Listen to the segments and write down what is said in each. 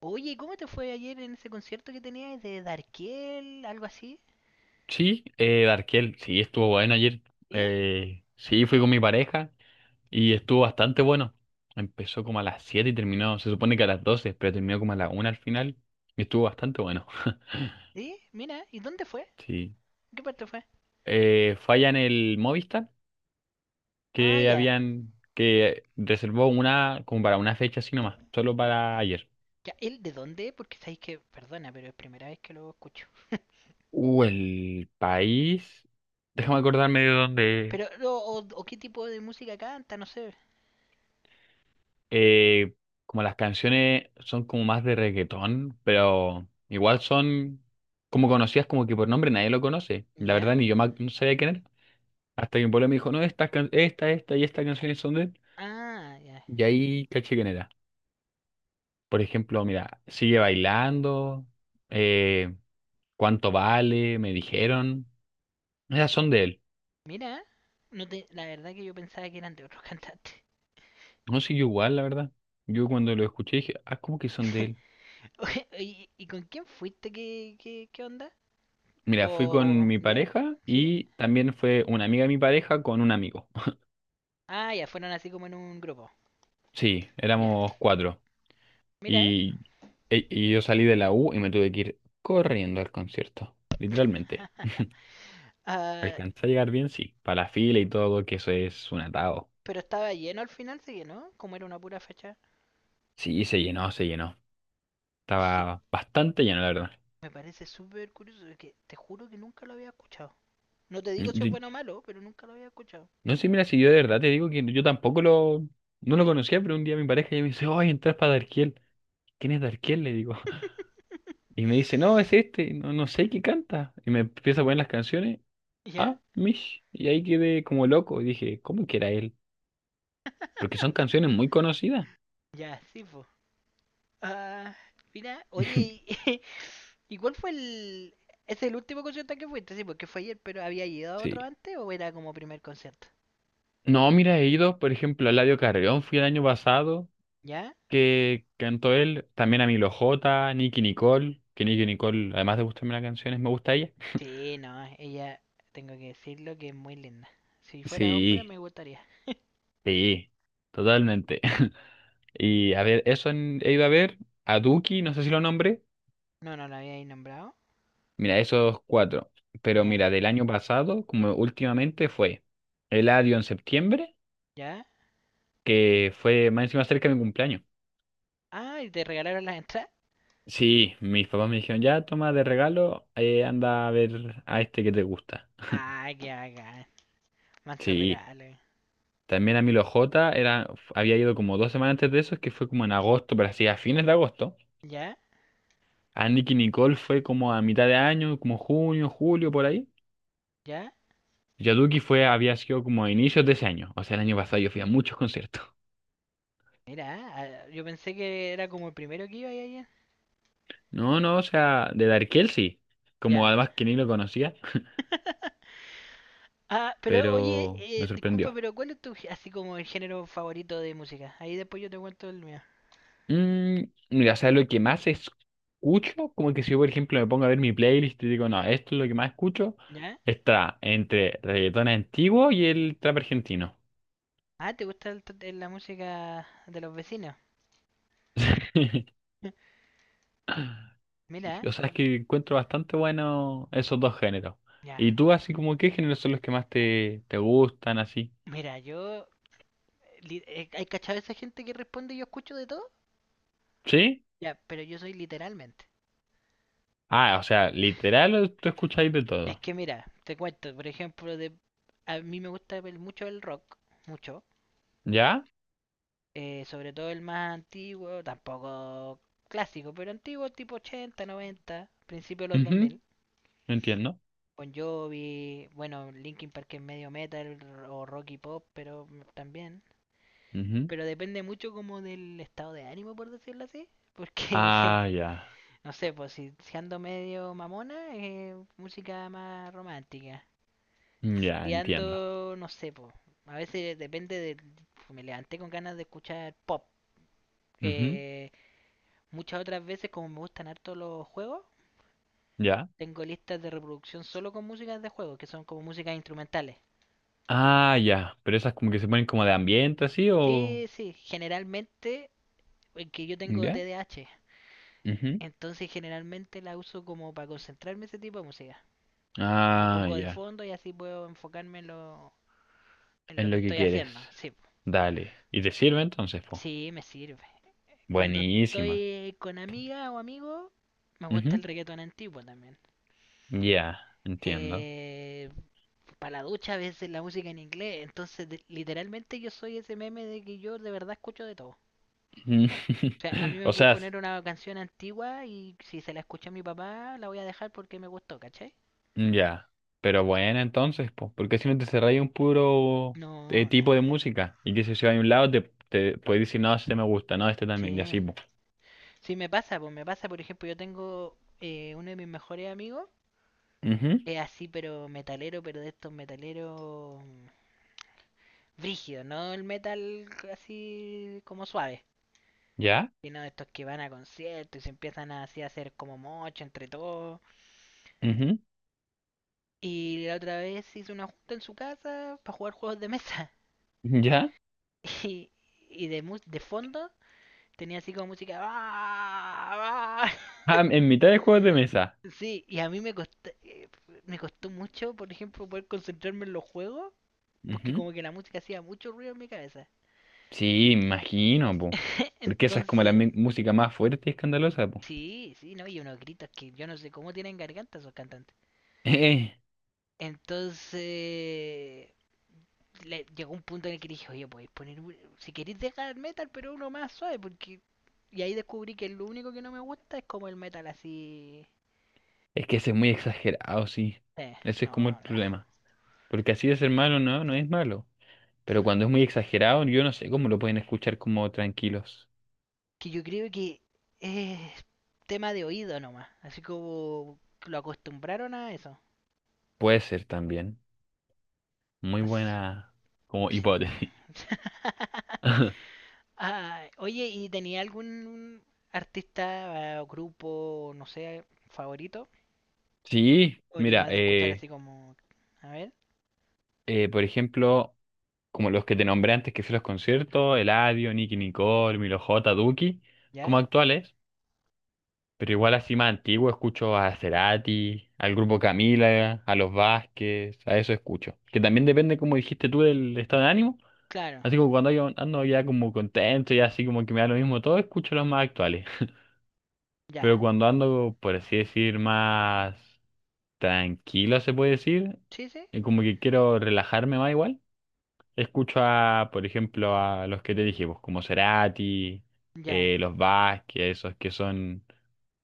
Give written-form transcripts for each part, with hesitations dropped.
Oye, ¿cómo te fue ayer en ese concierto que tenías de Darkiel, algo así? Sí, Darkel, sí, estuvo bueno ayer. ¿Eh? Sí, fui con mi pareja y estuvo bastante bueno. Empezó como a las 7 y terminó, se supone que a las 12, pero terminó como a la 1 al final y estuvo bastante bueno. ¿Sí? Mira, ¿y dónde fue? Sí. ¿Qué parte fue? Falla en el Movistar Ah, que ya. habían, que reservó una como para una fecha así nomás, solo para ayer. Ya, ¿él de dónde? Porque sabéis que, perdona, pero es primera vez que lo escucho. El país. Déjame acordarme de dónde. Pero, o, o qué tipo de música canta, no sé. eh, Como las canciones son como más de reggaetón, pero igual son como conocidas como que por nombre nadie lo conoce. La ¿Ya? verdad ni yo no sabía quién era. Hasta que un pueblo me dijo, no, esta, esta y esta canciones son de él. Ah, ya. Y ahí caché quién era. Por ejemplo, mira, Sigue Bailando, eh, ¿Cuánto Vale? Me dijeron. Esas son de él. Mira, no te, la verdad que yo pensaba que eran de otros cantantes. No sé, yo igual, la verdad. Yo cuando lo escuché dije, ah, ¿cómo que son de él? Oye, ¿Y con quién fuiste? ¿Qué onda? Mira, fui ¿O con mi ya? pareja ¿Sí? y también fue una amiga de mi pareja con un amigo. Ah, ya, fueron así como en un grupo. Sí, Ya. éramos cuatro. Mira, Y, y yo salí de la U y me tuve que ir corriendo al concierto, literalmente. Ah, Alcancé a llegar bien, sí, para la fila y todo, que eso es un atado. pero estaba lleno al final, sí que no como era una pura fachada. Sí, se llenó, se llenó. Es que Estaba bastante lleno, la verdad. me parece súper curioso, es que te juro que nunca lo había escuchado. No te digo Mm. si es bueno o malo, pero nunca lo había escuchado. No sé, mira, si yo de verdad te digo que yo tampoco lo, no lo conocía, pero un día mi pareja ya me dice, ¡ay, entras para Darkiel! ¿Quién es Darkiel? Le digo. Y me dice, no, es este, no, no sé qué canta. Y me empieza a poner las canciones, ¿Ya? ah, Mish. Y ahí quedé como loco. Y dije, ¿cómo que era él? Porque son canciones muy conocidas. Ya, sí, pues. Mira, oye, y- ¿y cuál fue el... ¿Es el último concierto al que fuiste? Sí, porque fue ayer, pero ¿había ido a Sí. otro antes o era como primer concierto? No, mira, he ido, por ejemplo, a Eladio Carrión, fui el año pasado, ¿Ya? que cantó él, también a Milo J, Nicky Nicole, que Nicky Nicole, además de gustarme las canciones, me gusta ella. Sí, no, ella, tengo que decirlo que es muy linda. Si fuera hombre, Sí, me gustaría. sí, totalmente. Y a ver, eso he ido a ver, a Duki, no sé si lo nombré, No, no la había ahí nombrado. mira, esos cuatro. Pero Ya, mira, del año pasado, como últimamente fue Eladio en septiembre. ya. Que fue más encima cerca de mi cumpleaños. Ah, y te regalaron las entradas. Sí, mis papás me dijeron, ya toma de regalo, anda a ver a este que te gusta. Ah, qué bacán. Manso Sí, regalo. también a Milo J era, había ido como 2 semanas antes de eso, que fue como en agosto, pero así a fines de agosto. Ya, A Nicky Nicole fue como a mitad de año, como junio, julio, por ahí. ya. Yaduki fue, había sido como a inicios de ese año, o sea, el año pasado yo fui a muchos conciertos. Mira, ah, yo pensé que era como el primero que iba ahí ayer. No, no, o sea, de Darkel sí, como Ya. además que ni lo conocía, Ah, pero oye, pero me disculpa, sorprendió. pero ¿cuál es tu, así como el género favorito de música? Ahí después yo te cuento el mío. Mm, Mira, ¿sabes lo que más escucho? Como que si yo, por ejemplo, me pongo a ver mi playlist y digo, no, esto es lo que más escucho, ¿Ya? está entre reggaetón antiguo y el trap argentino. Ah, ¿te gusta la música de los vecinos? Mira, O sea, es que encuentro bastante bueno esos dos géneros. ya. ¿Y tú, así como, qué géneros son los que más te gustan, así? Mira, yo. ¿Hay cachado esa gente que responde yo escucho de todo? ¿Sí? Ya, pero yo soy literalmente. Ah, o sea, literal, o tú escucháis de Es todo. que mira, te cuento, por ejemplo, a mí me gusta ver mucho el rock, mucho. ¿Ya? Sobre todo el más antiguo, tampoco clásico, pero antiguo tipo 80, 90, principio de los dos Ujú, mil. entiendo. Bon Jovi, bueno, Linkin Park es medio metal o rock y pop, pero también. Ujú. Pero depende mucho como del estado de ánimo, por decirlo así. Porque Ah, ya. No sé, pues si ando medio mamona, música más romántica. Si Ya, ando, entiendo. no sé, pues. A veces depende de. Me levanté con ganas de escuchar pop. Ujú, Eh, muchas otras veces, como me gustan harto los juegos, ya. tengo listas de reproducción solo con músicas de juegos, que son como músicas instrumentales. Ah, ya. Pero esas como que se ponen como de ambiente así o... Sí, sí, generalmente, que yo tengo ¿Ya? TDAH Ujú. entonces generalmente la uso como para concentrarme ese tipo de música. La Ah, pongo de ya. fondo y así puedo enfocarme en lo, en Es lo que lo que estoy quieres. haciendo, sí. Dale. ¿Y te sirve entonces, po? Sí, me sirve. Cuando Buenísima. estoy con amiga o amigo, me gusta el Ujú. reggaetón antiguo también. Ya, entiendo. Eh, para la ducha a veces la música en inglés, entonces literalmente yo soy ese meme de que yo de verdad escucho de todo. Mm. O sea, a mí me O voy a sea, poner una canción antigua y si se la escucha a mi papá, la voy a dejar porque me gustó, ¿cachai? ya. Pero bueno, entonces, po. Porque si no te cerráis un puro No, tipo no. de música. Y que si se va a un lado, te puedes decir, no, este me gusta, no, este también. Y Sí. así, po. Sí, me pasa, pues me pasa, por ejemplo, yo tengo uno de mis mejores amigos, Ujú. es así, pero metalero, pero de estos metaleros brígido, no el metal así como suave, ¿Ya? sino estos que van a conciertos y se empiezan a, así a hacer como mocho entre todos. Ujú. Y la otra vez hice una junta en su casa para jugar juegos de mesa. ¿Ya? Y, y de fondo tenía así como música. "Ah, ah". Ah, en mitad de juegos de mesa. Sí, y a mí me costó mucho, por ejemplo, poder concentrarme en los juegos, porque Ujú. como que la música hacía mucho ruido en mi cabeza. Sí, imagino, po. Porque esa es como la Entonces, música más fuerte y escandalosa, po. sí, sí, no, y unos gritos que yo no sé cómo tienen garganta esos cantantes. Eh, Entonces, llegó un punto en el que dije, oye, podéis poner, si queréis dejar el metal, pero uno más suave, porque... Y ahí descubrí que lo único que no me gusta es como el metal así... es que ese es muy exagerado, sí. Eh, Ese es como no, el no, lejos. problema. Porque así de ser malo, no, no es malo. Pero cuando es muy exagerado, yo no sé cómo lo pueden escuchar como tranquilos. Que yo creo que es tema de oído nomás, así como lo acostumbraron a eso. Puede ser también. Muy No sé, buena como sí. hipótesis. Ah, oye, ¿y tenía algún artista o grupo, no sé, favorito? Sí, ¿O eres mira, más de escuchar así como... A ver. Por ejemplo, como los que te nombré antes que fui a los conciertos, Eladio, Nicky Nicole, Milo J, Duki, como ¿Ya? actuales. Pero igual así más antiguo escucho a Cerati, al grupo Camila, a los Vázquez, a eso escucho. Que también depende, como dijiste tú, del estado de ánimo. Claro, Así como cuando yo ando ya como contento y así como que me da lo mismo todo, escucho los más actuales. ya. Pero cuando ando, por así decir, más tranquilo, se puede decir, ¿Sí, sí? y como que quiero relajarme más igual, escucho a, por ejemplo, a los que te dije, pues, como Cerati, Ya. Los Vázquez, esos que son,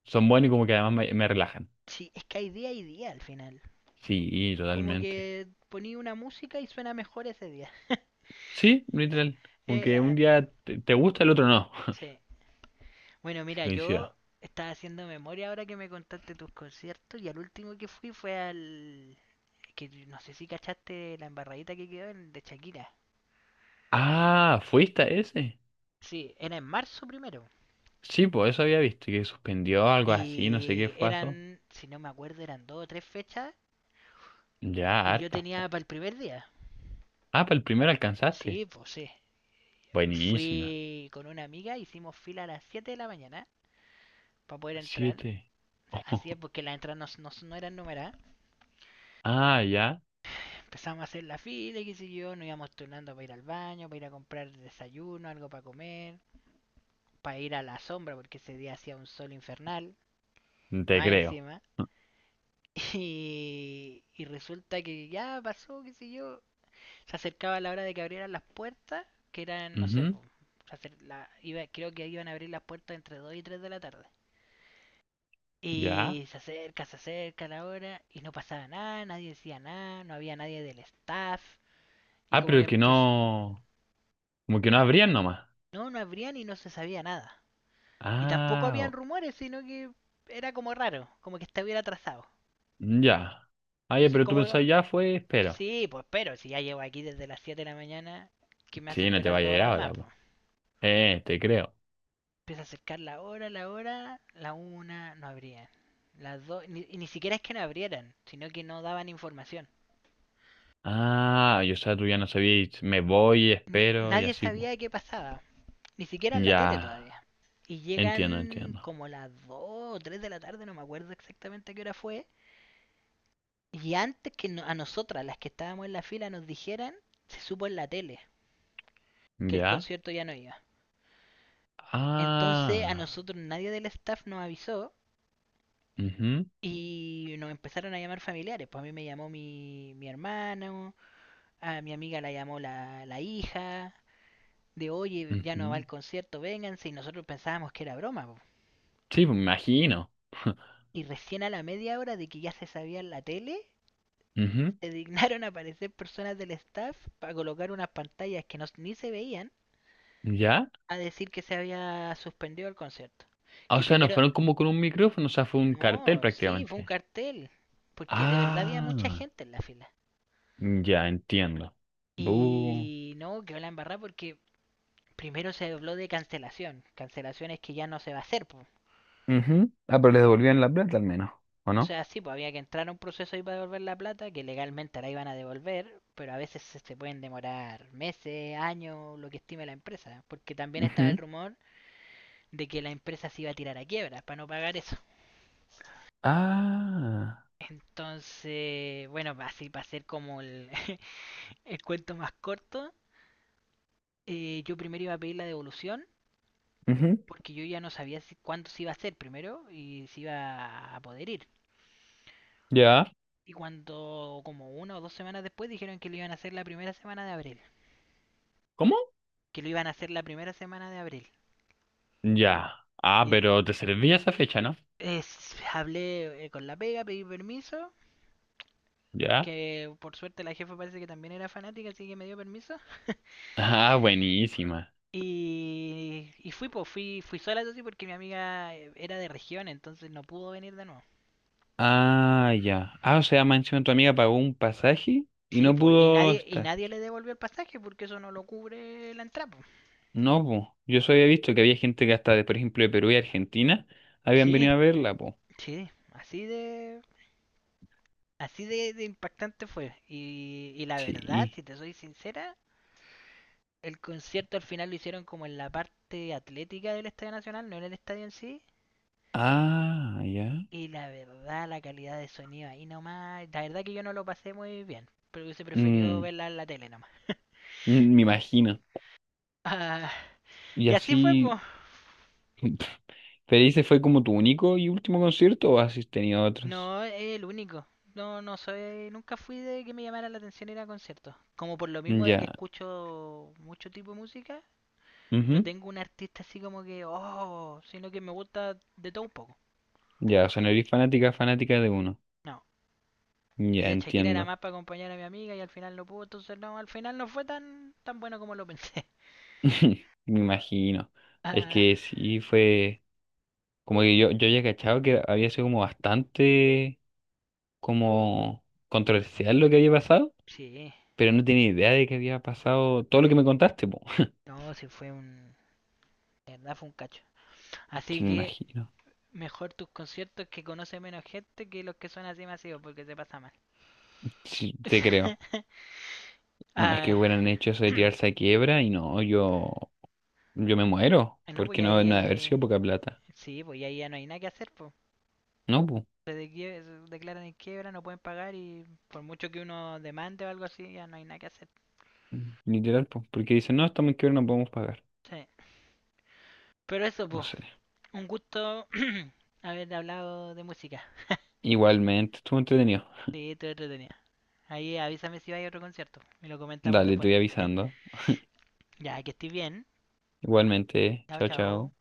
son buenos y como que además me relajan. Sí, es que hay día y día al final. Sí, Como totalmente. que poní una música y suena mejor ese día. Sí, literal. Eh, Aunque un ah, día te gusta, el otro no. sí. Bueno, Sí, mira, yo coincido. estaba haciendo memoria ahora que me contaste tus conciertos y al último que fui fue al... que no sé si cachaste la embarradita que quedó de Shakira. Ah, ¿fuiste a ese? Sí, era en marzo primero. Sí, pues eso había visto, que suspendió algo así, no sé qué pasó. Si no me acuerdo, eran dos o tres fechas Ya, y yo harta, tenía po. para el primer día. Ah, para el primero alcanzaste. Sí, pues sí. Buenísima. Fui con una amiga, hicimos fila a las 7 de la mañana para poder entrar. Siete. Así es, porque las entradas no eran numeradas. Ah, ya. Empezamos a hacer la fila y qué sé yo, nos íbamos turnando para ir al baño, para ir a comprar desayuno, algo para comer, para ir a la sombra, porque ese día hacía un sol infernal, Te más creo. encima. Y, y resulta que ya pasó, qué sé yo. Se acercaba la hora de que abrieran las puertas, que eran, no sé, Ujú, po, creo que iban a abrir las puertas entre 2 y 3 de la tarde. ya. Y se acerca la hora y no pasaba nada, nadie decía nada, no había nadie del staff. Y Ah, como pero que el que empezó... no. Como que no abrían nomás. No, no abrían y no se sabía nada. Y tampoco Ah, habían o- rumores, sino que era como raro, como que estuviera atrasado. ya. Ah, ya, Entonces pero tú como... pensás ya fue, espero. Sí, pues pero si ya llevo aquí desde las 7 de la mañana, que me hace Sí, no te esperar vaya dos a ir horas más. ahora, Pues. Te creo. Empieza a acercar la hora, la hora, la una, no abrían. Las dos, ni, y ni siquiera es que no abrieran, sino que no daban información. Ah, yo, o sea, tú ya no sabías, me voy, espero y Nadie así, sabía pues. de qué pasaba. Ni siquiera en la tele Ya, todavía. Y entiendo, llegan entiendo. como las 2 o 3 de la tarde, no me acuerdo exactamente a qué hora fue. Y antes que a nosotras, las que estábamos en la fila, nos dijeran, se supo en la tele que el ¿Ya? concierto ya no iba. Entonces a Ah, nosotros nadie del staff nos avisó mhm. y nos empezaron a llamar familiares. Pues a mí me llamó mi hermano, a mi amiga la llamó la hija, de oye, ya no va Mhm. el concierto, vénganse. Y nosotros pensábamos que era broma. Po. Sí, pues me imagino. Y recién a la media hora de que ya se sabía en la tele, Ujú, se dignaron a aparecer personas del staff para colocar unas pantallas que no, ni se veían ¿ya? a decir que se había suspendido el concierto. Ah, o Que sea, no primero, fueron como con un micrófono, o sea, fue un cartel no, sí, fue un prácticamente. cartel, porque de verdad había mucha Ah, gente en la fila. ya entiendo. Bu. Y no, quedó la embarrada porque primero se habló de cancelación, cancelaciones que ya no se va a hacer. Po. Ujú. Ah, pero les devolvían la plata al menos, ¿o O no? sea, sí, pues había que entrar a un proceso ahí para devolver la plata, que legalmente la iban a devolver, pero a veces se pueden demorar meses, años, lo que estime la empresa. Porque también estaba el Ujú. rumor de que la empresa se iba a tirar a quiebra para no pagar eso. Ah, Entonces, bueno, así para hacer como el, el cuento más corto, yo primero iba a pedir la devolución ujú. porque yo ya no sabía cuánto se iba a hacer primero y si iba a poder ir. ¿Ya? Y cuando, como una o dos semanas después, dijeron que lo iban a hacer la primera semana de abril. ¿Cómo? Que lo iban a hacer la primera semana de abril. Ya. Ah, Y pero te servía esa fecha, ¿no? Hablé con la pega, pedí permiso. Ya. Que por suerte la jefa parece que también era fanática, así que me dio permiso. Ah, buenísima. Y fui, pues, fui sola eso sí, porque mi amiga era de región, entonces no pudo venir de nuevo. Ah, ya. Ah, o sea, mansión, tu amiga pagó un pasaje y Sí, no pues, pudo y estar. nadie le devolvió el pasaje porque eso no lo cubre la entrada. Po. No, po. Yo solo había visto que había gente que hasta, de, por ejemplo, de Perú y Argentina habían Sí, venido a verla, po. sí, así de impactante fue. Y la verdad, Sí. si te soy sincera, el concierto al final lo hicieron como en la parte atlética del Estadio Nacional, no en el estadio en sí. Ah, ya. Y la verdad, la calidad de sonido ahí nomás, la verdad que yo no lo pasé muy bien, pero hubiese preferido Mm, verla en la tele nomás. mm, me imagino. Ah, Y y así fue, po. así, ¿pero ese fue como tu único y último concierto o has tenido otros? No es el único. No, no soy, nunca fui de que me llamara la atención ir a conciertos. Como por lo mismo de que Ya. escucho mucho tipo de música, no Ujú. tengo un artista así como que, oh, sino que me gusta de todo un poco. Ya, o sea, no eres fanática, fanática de uno. No. Y Ya, de Shakira era entiendo. más para acompañar a mi amiga y al final no pudo, entonces no, al final no fue tan, tan bueno como lo pensé. Me imagino. Es Ah, que sí fue como que yo había cachado que había sido como bastante como controversial lo que había pasado, sí, pero no tenía idea de que había pasado todo lo que me contaste, po. no, de verdad fue un cacho. Sí, Así me que imagino. mejor tus conciertos que conoce menos gente que los que son así masivos, porque se pasa mal. Sí, te creo. No, es que Ah, hubieran hecho eso de tirarse a quiebra y no, yo me muero, no, pues porque no, no ha de haber ahí, sido poca plata. sí, pues ahí ya no hay nada que hacer, pues. No, pues, Se, se declaran en quiebra, no pueden pagar y por mucho que uno demande o algo así, ya no hay nada que hacer. literal, pues, porque dicen, no, estamos en quiebra, no podemos pagar. Sí. Pero eso, No pues, sé. un gusto haber hablado de música. Igualmente, estuvo entretenido. Sí, estuvo entretenida. Ahí avísame si va a otro concierto y lo comentamos Dale, te después. voy avisando. Ya, que estés bien. Igualmente, Chao, chao, chao. chao.